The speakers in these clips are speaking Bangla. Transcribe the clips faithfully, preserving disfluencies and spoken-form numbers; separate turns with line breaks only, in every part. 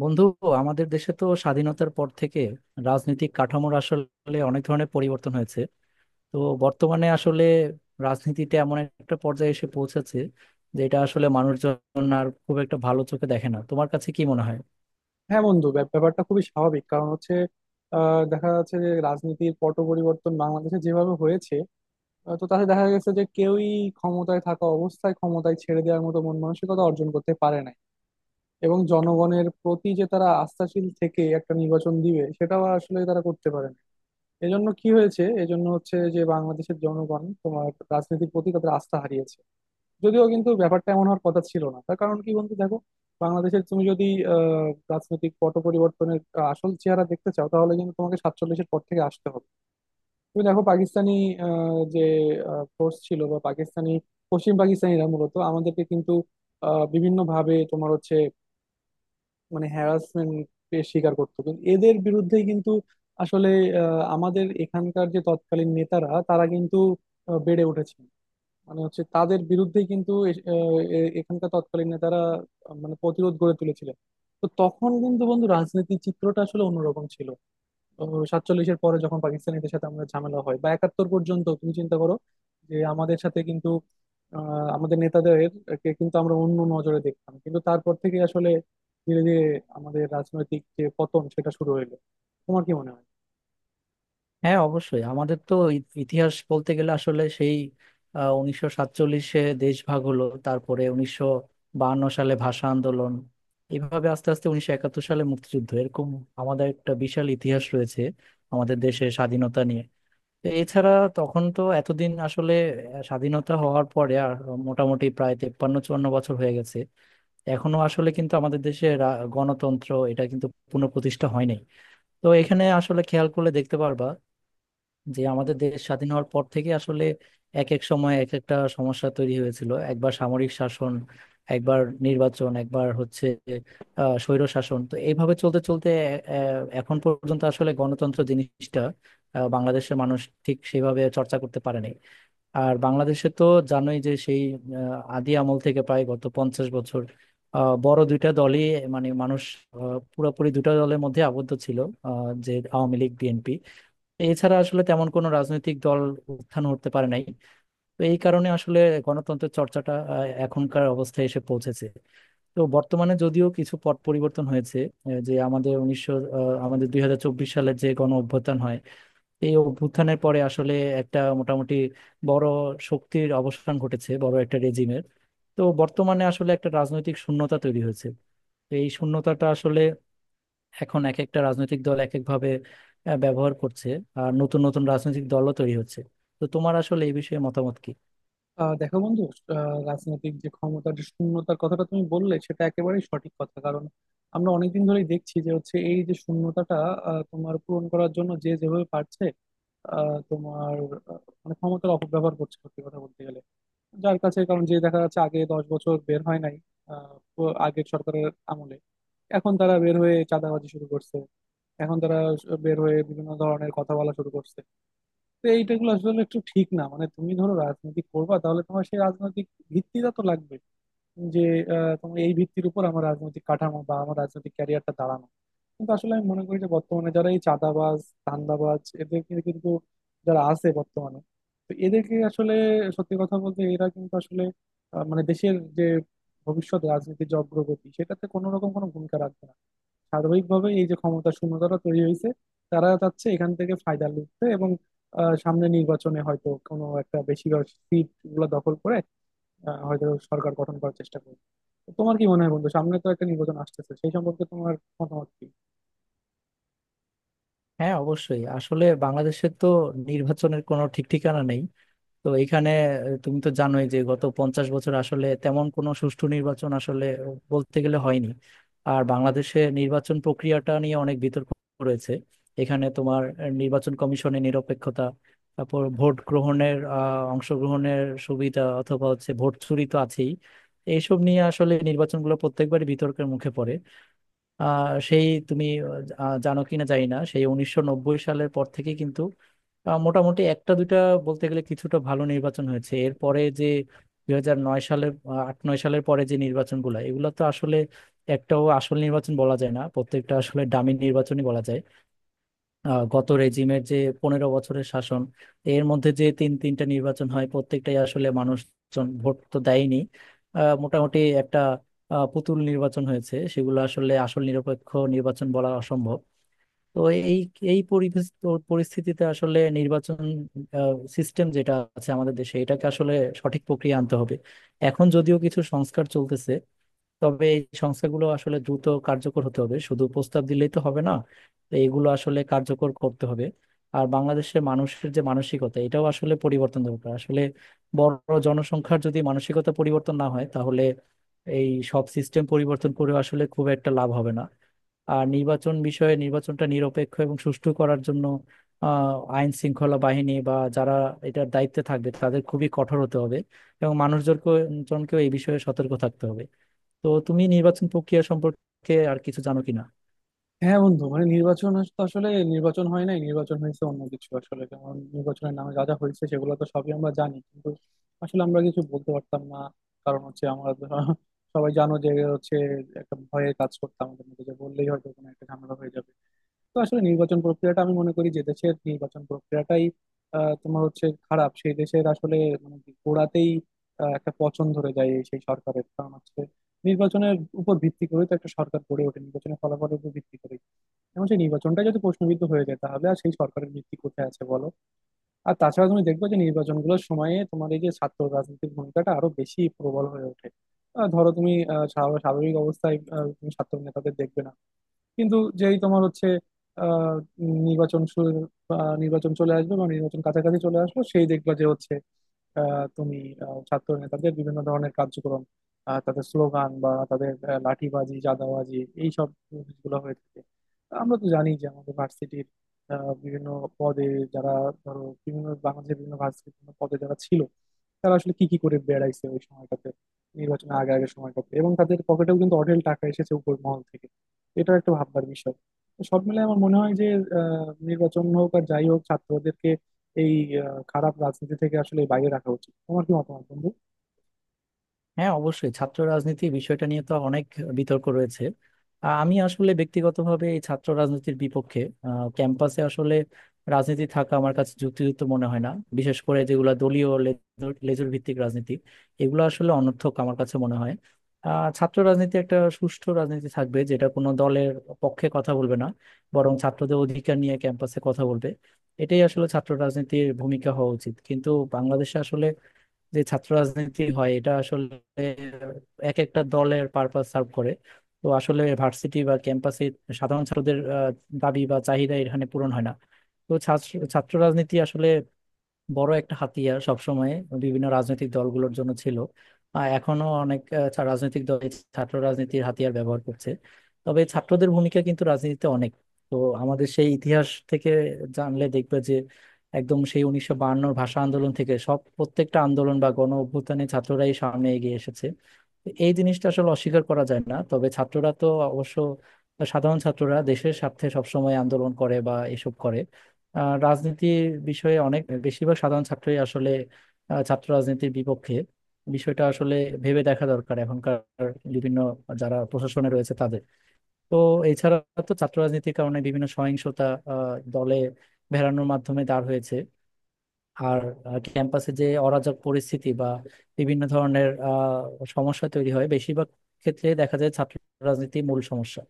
বন্ধু, আমাদের দেশে তো স্বাধীনতার পর থেকে রাজনৈতিক কাঠামোর আসলে অনেক ধরনের পরিবর্তন হয়েছে। তো বর্তমানে আসলে রাজনীতিতে এমন একটা পর্যায়ে এসে পৌঁছেছে যে এটা আসলে মানুষজন আর খুব একটা ভালো চোখে দেখে না। তোমার কাছে কি মনে হয়?
হ্যাঁ বন্ধু, ব্যাপ- ব্যাপারটা খুবই স্বাভাবিক। কারণ হচ্ছে আহ, দেখা যাচ্ছে যে রাজনীতির পট পরিবর্তন বাংলাদেশে যেভাবে হয়েছে, আহ, তো তাতে দেখা গেছে যে কেউই ক্ষমতায় থাকা অবস্থায় ক্ষমতায় ছেড়ে দেওয়ার মতো মন মানসিকতা অর্জন করতে পারে নাই। এবং জনগণের প্রতি যে তারা আস্থাশীল থেকে একটা নির্বাচন দিবে সেটাও আসলে তারা করতে পারে না। এজন্য কি হয়েছে? এজন্য হচ্ছে যে বাংলাদেশের জনগণ তোমার রাজনীতির প্রতি তাদের আস্থা হারিয়েছে। যদিও কিন্তু ব্যাপারটা এমন হওয়ার কথা ছিল না। তার কারণ কি বন্ধু দেখো, বাংলাদেশের তুমি যদি আহ, রাজনৈতিক পট পরিবর্তনের আহ, আসল চেহারা দেখতে চাও তাহলে কিন্তু তোমাকে সাতচল্লিশের পর থেকে আসতে হবে। তুমি দেখো পাকিস্তানি আহ, যে ফোর্স ছিল বা পাকিস্তানি পশ্চিম পাকিস্তানিরা মূলত আমাদেরকে কিন্তু বিভিন্ন ভাবে তোমার হচ্ছে মানে হ্যারাসমেন্ট স্বীকার করতো, কিন্তু এদের বিরুদ্ধেই কিন্তু আসলে আহ, আমাদের এখানকার যে তৎকালীন নেতারা তারা কিন্তু আহ, বেড়ে উঠেছে। মানে হচ্ছে তাদের বিরুদ্ধেই কিন্তু এ- এ- এ- এখানকার তৎকালীন নেতারা আহ, মানে প্রতিরোধ গড়ে তুলেছিলেন। তো তখন কিন্তু বন্ধু রাজনীতির চিত্রটা আসলে অন্যরকম ছিল। সাতচল্লিশের পরে যখন পাকিস্তানিদের সাথে আমাদের ঝামেলা হয় বা একাত্তর পর্যন্ত তুমি চিন্তা করো, যে আমাদের সাথে কিন্তু আহ, আমাদের নেতাদের কে কিন্তু আমরা অন্য নজরে দেখতাম, কিন্তু তারপর থেকে আসলে ধীরে ধীরে আমাদের রাজনৈতিক যে পতন সেটা শুরু হইলো। তোমার কি মনে হয়?
হ্যাঁ, অবশ্যই আমাদের তো ই- ইতিহাস বলতে গেলে আসলে সেই আহ, উনিশশো সাতচল্লিশে দেশ ভাগ হলো, তারপরে উনিশশো বাহান্ন সালে ভাষা আন্দোলন, এইভাবে আস্তে আস্তে উনিশশো একাত্তর সালে মুক্তিযুদ্ধ, এরকম আমাদের একটা বিশাল ইতিহাস রয়েছে আমাদের দেশের স্বাধীনতা নিয়ে। তো এছাড়া তখন তো এতদিন আসলে আহ, স্বাধীনতা হওয়ার পরে আর মোটামুটি প্রায় তেপ্পান্ন চুয়ান্ন বছর হয়ে গেছে, এখনো আসলে কিন্তু আমাদের দেশে রা- গণতন্ত্র এটা কিন্তু পুনঃপ্রতিষ্ঠা হয়নি। তো এখানে আসলে খেয়াল করলে দেখতে পারবা যে আমাদের দেশ স্বাধীন হওয়ার পর থেকে আসলে এক এক সময় এক একটা সমস্যা তৈরি হয়েছিল, একবার সামরিক শাসন, একবার নির্বাচন, একবার হচ্ছে আহ স্বৈর শাসন। তো এইভাবে চলতে চলতে আহ, এখন পর্যন্ত আসলে গণতন্ত্র জিনিসটা আহ, বাংলাদেশের মানুষ ঠিক সেভাবে চর্চা করতে পারেনি। আর বাংলাদেশে তো জানোই যে সেই আহ, আদি আমল থেকে প্রায় গত পঞ্চাশ বছর আহ, বড় দুইটা দলই, মানে মানুষ আহ, পুরোপুরি দুটা দলের মধ্যে আবদ্ধ ছিল, আহ, যে আওয়ামী লীগ, বিএনপি। এছাড়া আসলে তেমন কোনো রাজনৈতিক দল উত্থান হতে পারে নাই। তো এই কারণে আসলে গণতন্ত্রের চর্চাটা আহ, এখনকার অবস্থায় এসে পৌঁছেছে। তো বর্তমানে যদিও কিছু পট পরিবর্তন হয়েছে, এ, যে আমাদের উনিশশো আহ, আমাদের দুই হাজার চব্বিশ সালে যে গণ অভ্যুত্থান হয়, এই অভ্যুত্থানের পরে আসলে একটা মোটামুটি বড় শক্তির অবসান ঘটেছে, বড় একটা রেজিমের। তো বর্তমানে আসলে একটা রাজনৈতিক শূন্যতা তৈরি হয়েছে। তো এই শূন্যতাটা আসলে এখন এক একটা রাজনৈতিক দল এক একভাবে আহ, ব্যবহার করছে, আর নতুন নতুন রাজনৈতিক দলও তৈরি হচ্ছে। তো তোমার আসলে এই বিষয়ে মতামত কি?
আহ দেখো বন্ধু, আহ রাজনৈতিক যে ক্ষমতার যে শূন্যতার কথাটা তুমি বললে সেটা একেবারেই সঠিক কথা। কারণ আমরা অনেকদিন ধরেই দেখছি যে হচ্ছে এই যে শূন্যতাটা আহ, তোমার পূরণ করার জন্য যে যেভাবে পারছে আহ, তোমার আহ, মানে ক্ষমতার অপব্যবহার করছে সত্যি কথা বলতে গেলে। যার কাছে কারণ যে দেখা যাচ্ছে আগে দশ বছর বের হয় নাই আহ, প- আগের সরকারের আমলে। এখন তারা বের হয়ে চাঁদাবাজি শুরু করছে। এখন তারা বের হয়ে বিভিন্ন ধরনের কথা বলা শুরু করছে। তো এইটাগুলো আসলে একটু ঠিক না। মানে তুমি ধরো রাজনীতি করবা, তাহলে তোমার সেই রাজনৈতিক ভিত্তিটা তো লাগবে, যে আহ, তোমার এই ভিত্তির উপর আমার রাজনৈতিক কাঠামো বা আমার রাজনৈতিক ক্যারিয়ারটা দাঁড়ানো। কিন্তু আসলে আমি মনে করি যে বর্তমানে যারা এই চাঁদাবাজ ধান্দাবাজ এদেরকে কিন্তু যারা আছে বর্তমানে, তো এদেরকে আসলে সত্যি কথা বলতে এরা কিন্তু আসলে আহ, মানে দেশের যে ভবিষ্যৎ রাজনীতির যে অগ্রগতি সেটাতে কোনো রকম কোনো ভূমিকা রাখবে না। সার্বিকভাবে এই যে ক্ষমতা শূন্যতাটা তৈরি হয়েছে, তারা চাচ্ছে এখান থেকে ফায়দা লুটতে এবং আহ, সামনে নির্বাচনে হয়তো কোনো একটা বেশিরভাগ সিট গুলো দখল করে আহ, হয়তো সরকার গঠন করার চেষ্টা করবে। তো তোমার কি মনে হয় বন্ধু, সামনে তো একটা নির্বাচন আসতেছে সেই সম্পর্কে তোমার মতামত কি?
হ্যাঁ, অবশ্যই আসলে বাংলাদেশের তো নির্বাচনের কোনো ঠিক ঠিকানা নেই। তো এখানে আহ, তুমি তো জানোই যে গত পঞ্চাশ বছর আসলে তেমন কোনো সুষ্ঠু নির্বাচন আসলে বলতে গেলে হয়নি। আর বাংলাদেশে নির্বাচন প্রক্রিয়াটা নিয়ে অনেক বিতর্ক রয়েছে। এখানে তোমার আহ, নির্বাচন কমিশনের নিরপেক্ষতা, তারপর ভোট গ্রহণের আহ, অংশগ্রহণের সুবিধা, অথবা হচ্ছে ভোট চুরি তো আছেই। এইসব নিয়ে আসলে নির্বাচনগুলো প্রত্যেকবারই বিতর্কের মুখে পড়ে। আহ সেই তুমি আহ, জানো কিনা জানি না, সেই উনিশশো নব্বই সালের পর থেকে কিন্তু আহ, মোটামুটি একটা দুইটা বলতে গেলে কিছুটা ভালো নির্বাচন হয়েছে। এরপরে যে দুই হাজার নয় সালের আহ, আট নয় সালের পরে যে নির্বাচনগুলো, এগুলো তো আসলে একটাও আসল নির্বাচন বলা যায় না, প্রত্যেকটা আসলে ডামি নির্বাচনই বলা যায়। আহ, গত রেজিমের যে পনেরো বছরের শাসন, এর মধ্যে যে তিন তিনটা নির্বাচন হয়, প্রত্যেকটাই আসলে মানুষজন ভোট তো দেয়নি, আহ, মোটামুটি একটা আহ, পুতুল নির্বাচন হয়েছে। সেগুলো আসলে আসল নিরপেক্ষ নির্বাচন বলা অসম্ভব। তো এই এই পরিবেশ পরিস্থিতিতে আসলে নির্বাচন সিস্টেম যেটা আছে আমাদের দেশে, এটাকে আসলে সঠিক প্রক্রিয়া আনতে হবে। এখন যদিও কিছু সংস্কার চলতেছে, তবে এই সংস্থাগুলো আসলে দ্রুত কার্যকর হতে হবে, শুধু প্রস্তাব দিলেই তো হবে না। তো এগুলো আসলে কার্যকর করতে হবে। আর বাংলাদেশের মানুষের যে মানসিকতা, এটাও আসলে পরিবর্তন দরকার আসলে। বড় জনসংখ্যার যদি মানসিকতা পরিবর্তন না হয়, তাহলে এই সব সিস্টেম পরিবর্তন করে আসলে খুব একটা লাভ হবে না। আর নির্বাচন বিষয়ে, নির্বাচনটা নিরপেক্ষ এবং সুষ্ঠু করার জন্য আহ আইন শৃঙ্খলা বাহিনী বা যারা এটার দায়িত্বে থাকবে তাদের খুবই কঠোর হতে হবে, এবং মানুষজনকে জনকেও এই বিষয়ে সতর্ক থাকতে হবে। তো তুমি নির্বাচন প্রক্রিয়া সম্পর্কে আর কিছু জানো কিনা?
হ্যাঁ বন্ধু, মানে নির্বাচন আস- তো আসলে নির্বাচন হয় নাই, নির্বাচন হয়েছে অন্য কিছু আসলে। কারণ নির্বাচনের নামে যা যা হয়েছে সেগুলো তো সবই আমরা জানি, কিন্তু আসলে আমরা কিছু বলতে পারতাম না। কারণ হচ্ছে আমরা তো সবাই জানো যে হচ্ছে একটা ভয়ের কাজ করতাম আমাদের মধ্যে, যে বললেই হয়তো কোনো একটা ঝামেলা হয়ে যাবে। তো আসলে নির্বাচন প্রক্রিয়াটা আমি মনে করি যে দেশের নির্বাচন প্রক্রিয়াটাই আহ তোমার হচ্ছে খারাপ, সেই দেশের আসলে মানে কি গোড়াতেই আহ, একটা পছন্দ ধরে যায় এই সেই সরকারের। কারণ হচ্ছে নির্বাচনের উপর ভিত্তি করে তো একটা সরকার গড়ে ওঠে, নির্বাচনের ফলাফলের উপর ভিত্তি করে। এবং সেই নির্বাচনটা যদি প্রশ্নবিদ্ধ হয়ে যায় তাহলে আর সেই সরকারের ভিত্তি কোথায় আছে বলো? আর তাছাড়া তুমি দেখবে যে নির্বাচনগুলোর সময়ে তোমার এই যে ছাত্র রাজনীতির ভূমিকাটা আরো বেশি প্রবল হয়ে ওঠে। আহ, ধরো তুমি আহ, স্বা- স্বাভাবিক অবস্থায় আহ, তুমি ছাত্র নেতাদের দেখবে না। কিন্তু যেই তোমার হচ্ছে আহ, নির্বাচন শুরু বা নির্বাচন চলে আসবে বা নির্বাচন কাছাকাছি চলে আসবে সেই দেখবা যে হচ্ছে আহ, তুমি আহ, ছাত্র নেতাদের বিভিন্ন ধরনের কার্যক্রম, আহ, তাদের স্লোগান বা তাদের আহ, লাঠিবাজি জাদাবাজি এইসব জিনিসগুলো হয়ে থাকে। আমরা তো জানি যে আমাদের ভার্সিটির বিভিন্ন পদে যারা ধরো বিভিন্ন বাংলাদেশের বিভিন্ন ভার্সিটির বিভিন্ন পদে যারা ছিল, তারা আসলে কি কি করে বেড়াইছে ওই সময়টাতে, নির্বাচনের আগে আগে সময়টাতে। এবং তাদের পকেটেও কিন্তু অঢেল টাকা এসেছে উপর মহল থেকে। এটা একটা ভাবনার বিষয়। তো সব মিলে আমার মনে হয় যে আহ, নির্বাচন হোক আর যাই হোক ছাত্রদেরকে এই আহ, খারাপ রাজনীতি থেকে আসলে বাইরে রাখা উচিত। তোমার কি মতামত বন্ধু?
হ্যাঁ, অবশ্যই ছাত্র রাজনীতি বিষয়টা নিয়ে তো অনেক বিতর্ক রয়েছে। আহ, আমি আসলে ব্যক্তিগতভাবে এই ছাত্র রাজনীতির বিপক্ষে, আহ, ক্যাম্পাসে আসলে রাজনীতি থাকা আমার কাছে যুক্তিযুক্ত মনে হয় না। বিশেষ করে যেগুলো দলীয় লেজুর লেজুর ভিত্তিক রাজনীতি, এগুলো আসলে অনর্থক আমার কাছে মনে হয়। আহ, ছাত্র রাজনীতি একটা সুষ্ঠু রাজনীতি থাকবে, যেটা কোনো দলের পক্ষে কথা বলবে না, বরং ছাত্রদের অধিকার নিয়ে ক্যাম্পাসে কথা বলবে। এটাই আসলে ছাত্র রাজনীতির ভূমিকা হওয়া উচিত, কিন্তু বাংলাদেশে আসলে যে ছাত্র রাজনীতি হয় এটা আসলে এক একটা দলের পারপাস সার্ভ করে। তো আসলে ভার্সিটি বা ক্যাম্পাসে সাধারণ ছাত্রদের আহ, দাবি বা চাহিদা এখানে পূরণ হয় না। তো ছাত্র ছাত্র রাজনীতি আসলে বড় একটা হাতিয়ার সবসময় বিভিন্ন রাজনৈতিক দলগুলোর জন্য ছিল। আহ, এখনো অনেক আহ, ছা- রাজনৈতিক দল এই ছাত্র রাজনীতির হাতিয়ার ব্যবহার করছে। তবে ছাত্রদের ভূমিকা কিন্তু রাজনীতিতে অনেক। তো আমাদের সেই ইতিহাস থেকে জানলে দেখবে যে একদম সেই উনিশশো বায়ান্নর ভাষা আন্দোলন থেকে সব প্রত্যেকটা আন্দোলন বা গণ অভ্যুত্থানে ছাত্ররাই সামনে এগিয়ে এসেছে। তো এই জিনিসটা আসলে অস্বীকার করা যায় না। তবে ছাত্ররা তো অবশ্য সাধারণ ছাত্ররা দেশের স্বার্থে সবসময় আন্দোলন করে বা এসব করে। আহ, রাজনীতির বিষয়ে অনেক বেশিরভাগ সাধারণ ছাত্রই আসলে আহ, ছাত্র রাজনীতির বিপক্ষে। বিষয়টা আসলে ভেবে দেখা দরকার এখনকার বিভিন্ন যারা প্রশাসনে রয়েছে তাদের। তো এছাড়া তো ছাত্র রাজনীতির কারণে বিভিন্ন সহিংসতা আহ, দলে ভেড়ানোর মাধ্যমে দাঁড় হয়েছে। আর আহ, ক্যাম্পাসে যে অরাজক পরিস্থিতি বা বিভিন্ন ধরনের আহ, সমস্যা তৈরি হয়, বেশিরভাগ ক্ষেত্রে দেখা যায় ছাত্র রাজনীতি মূল সমস্যা।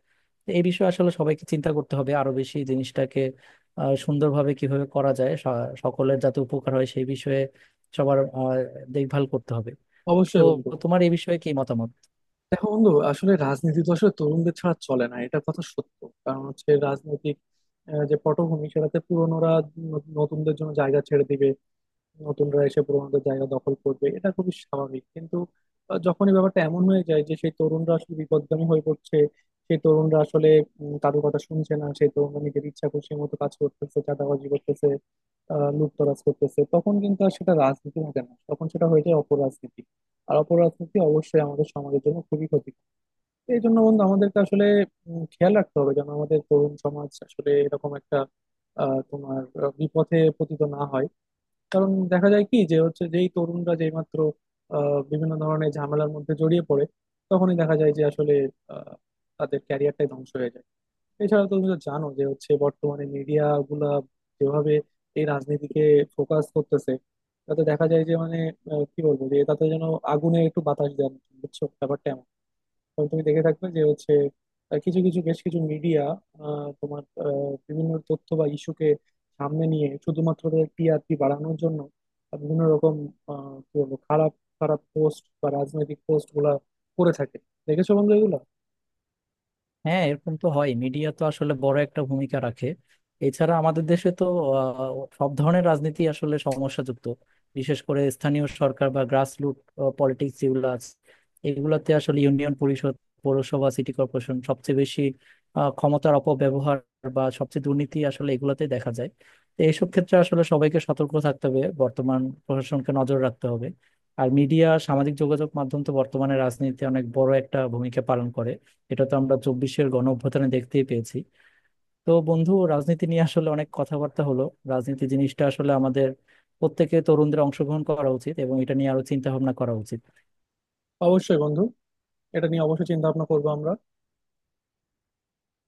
তো এই বিষয়ে আসলে সবাইকে চিন্তা করতে হবে আরো বেশি, জিনিসটাকে আহ, সুন্দরভাবে কিভাবে করা যায়, স- সকলের যাতে উপকার হয় সেই বিষয়ে সবার আহ, দেখভাল করতে হবে। তো
অবশ্যই বন্ধু।
তোমার এই বিষয়ে কি মতামত?
দেখো বন্ধু, আসলে রাজনীতি তো আসলে তরুণদের ছাড়া চলে না, এটা কথা সত্য। কারণ হচ্ছে রাজনৈতিক আহ, যে পটভূমি সেটাতে পুরনোরা ন- নতুনদের জন্য জায়গা ছেড়ে দিবে, নতুনরা এসে পুরোনোদের জায়গা দখল করবে এটা খুবই স্বাভাবিক। কিন্তু আহ, যখন এই ব্যাপারটা এমন হয়ে যায় যে সেই তরুণরা আসলে বিপথগামী হয়ে পড়ছে, সেই তরুণরা আসলে উম, কারোর কথা শুনছে না, সেই তরুণরা নিজের ইচ্ছা খুশি মতো কাজ করতেছে, চাঁদাবাজি করতেছে, আহ লুটতরাজ করতেছে, তখন কিন্তু আর সেটা রাজনীতি থাকে না, তখন সেটা হয়ে যায় অপরাজনীতি। আর অপরাজনীতি অবশ্যই আমাদের সমাজের জন্য খুবই ক্ষতি। এই জন্য বন্ধু আমাদেরকে আসলে উম, খেয়াল রাখতে হবে যেন আমাদের তরুণ সমাজ আসলে এরকম একটা আহ তোমার আহ, বিপথে পতিত না হয়। কারণ দেখা যায় কি যে হচ্ছে যেই তরুণরা যেই মাত্র আহ, বিভিন্ন ধরনের ঝামেলার মধ্যে জড়িয়ে পড়ে তখনই দেখা যায় যে আসলে আহ, তাদের ক্যারিয়ারটাই ধ্বংস হয়ে যায়। এছাড়া তুমি তো জানো যে হচ্ছে বর্তমানে মিডিয়া গুলা যেভাবে এই রাজনীতিকে ফোকাস করতেছে, তাতে দেখা যায় যে মানে আহ, কি বলবো, যে তাতে যেন আগুনে একটু বাতাস দেন। বুঝছো ব্যাপারটা এমন। তবে তুমি দেখে থাকবে যে হচ্ছে আহ, কিছু কিছু বেশ কিছু মিডিয়া তোমার আহ, বিভিন্ন তথ্য বা ইস্যুকে সামনে নিয়ে শুধুমাত্র টি আর পি বাড়ানোর জন্য আহ, বিভিন্ন রকম আহ, কি বলবো, খারাপ খারাপ পোস্ট বা রাজনৈতিক পোস্ট গুলা করে থাকে। দেখেছো বন্ধু এগুলো?
হ্যাঁ, এরকম তো হয়, মিডিয়া তো আসলে বড় একটা ভূমিকা রাখে। এছাড়া আমাদের দেশে তো আহ, সব ধরনের রাজনীতি আসলে সমস্যাযুক্ত, বিশেষ করে স্থানীয় সরকার বা গ্রাসরুট পলিটিক্স যেগুলো আছে, এগুলোতে আসলে ইউনিয়ন পরিষদ, পৌরসভা, সিটি কর্পোরেশন সবচেয়ে বেশি আহ, ক্ষমতার অপব্যবহার বা সবচেয়ে দুর্নীতি আসলে এগুলোতে দেখা যায়। তো এইসব ক্ষেত্রে আসলে সবাইকে সতর্ক থাকতে হবে, বর্তমান প্রশাসনকে নজর রাখতে হবে। আর মিডিয়া, সামাজিক যোগাযোগ মাধ্যম তো বর্তমানে রাজনীতিতে অনেক বড় একটা ভূমিকা পালন করে, এটা তো আমরা চব্বিশের গণ অভ্যুত্থানে দেখতেই পেয়েছি। তো বন্ধু, রাজনীতি নিয়ে আসলে অনেক কথাবার্তা হলো। রাজনীতি জিনিসটা আসলে আমাদের প্রত্যেকে তরুণদের অংশগ্রহণ করা উচিত এবং এটা নিয়ে আরো চিন্তা ভাবনা করা উচিত।
অবশ্যই বন্ধু। এটা নিয়ে অবশ্যই চিন্তা ভাবনা করবো আমরা।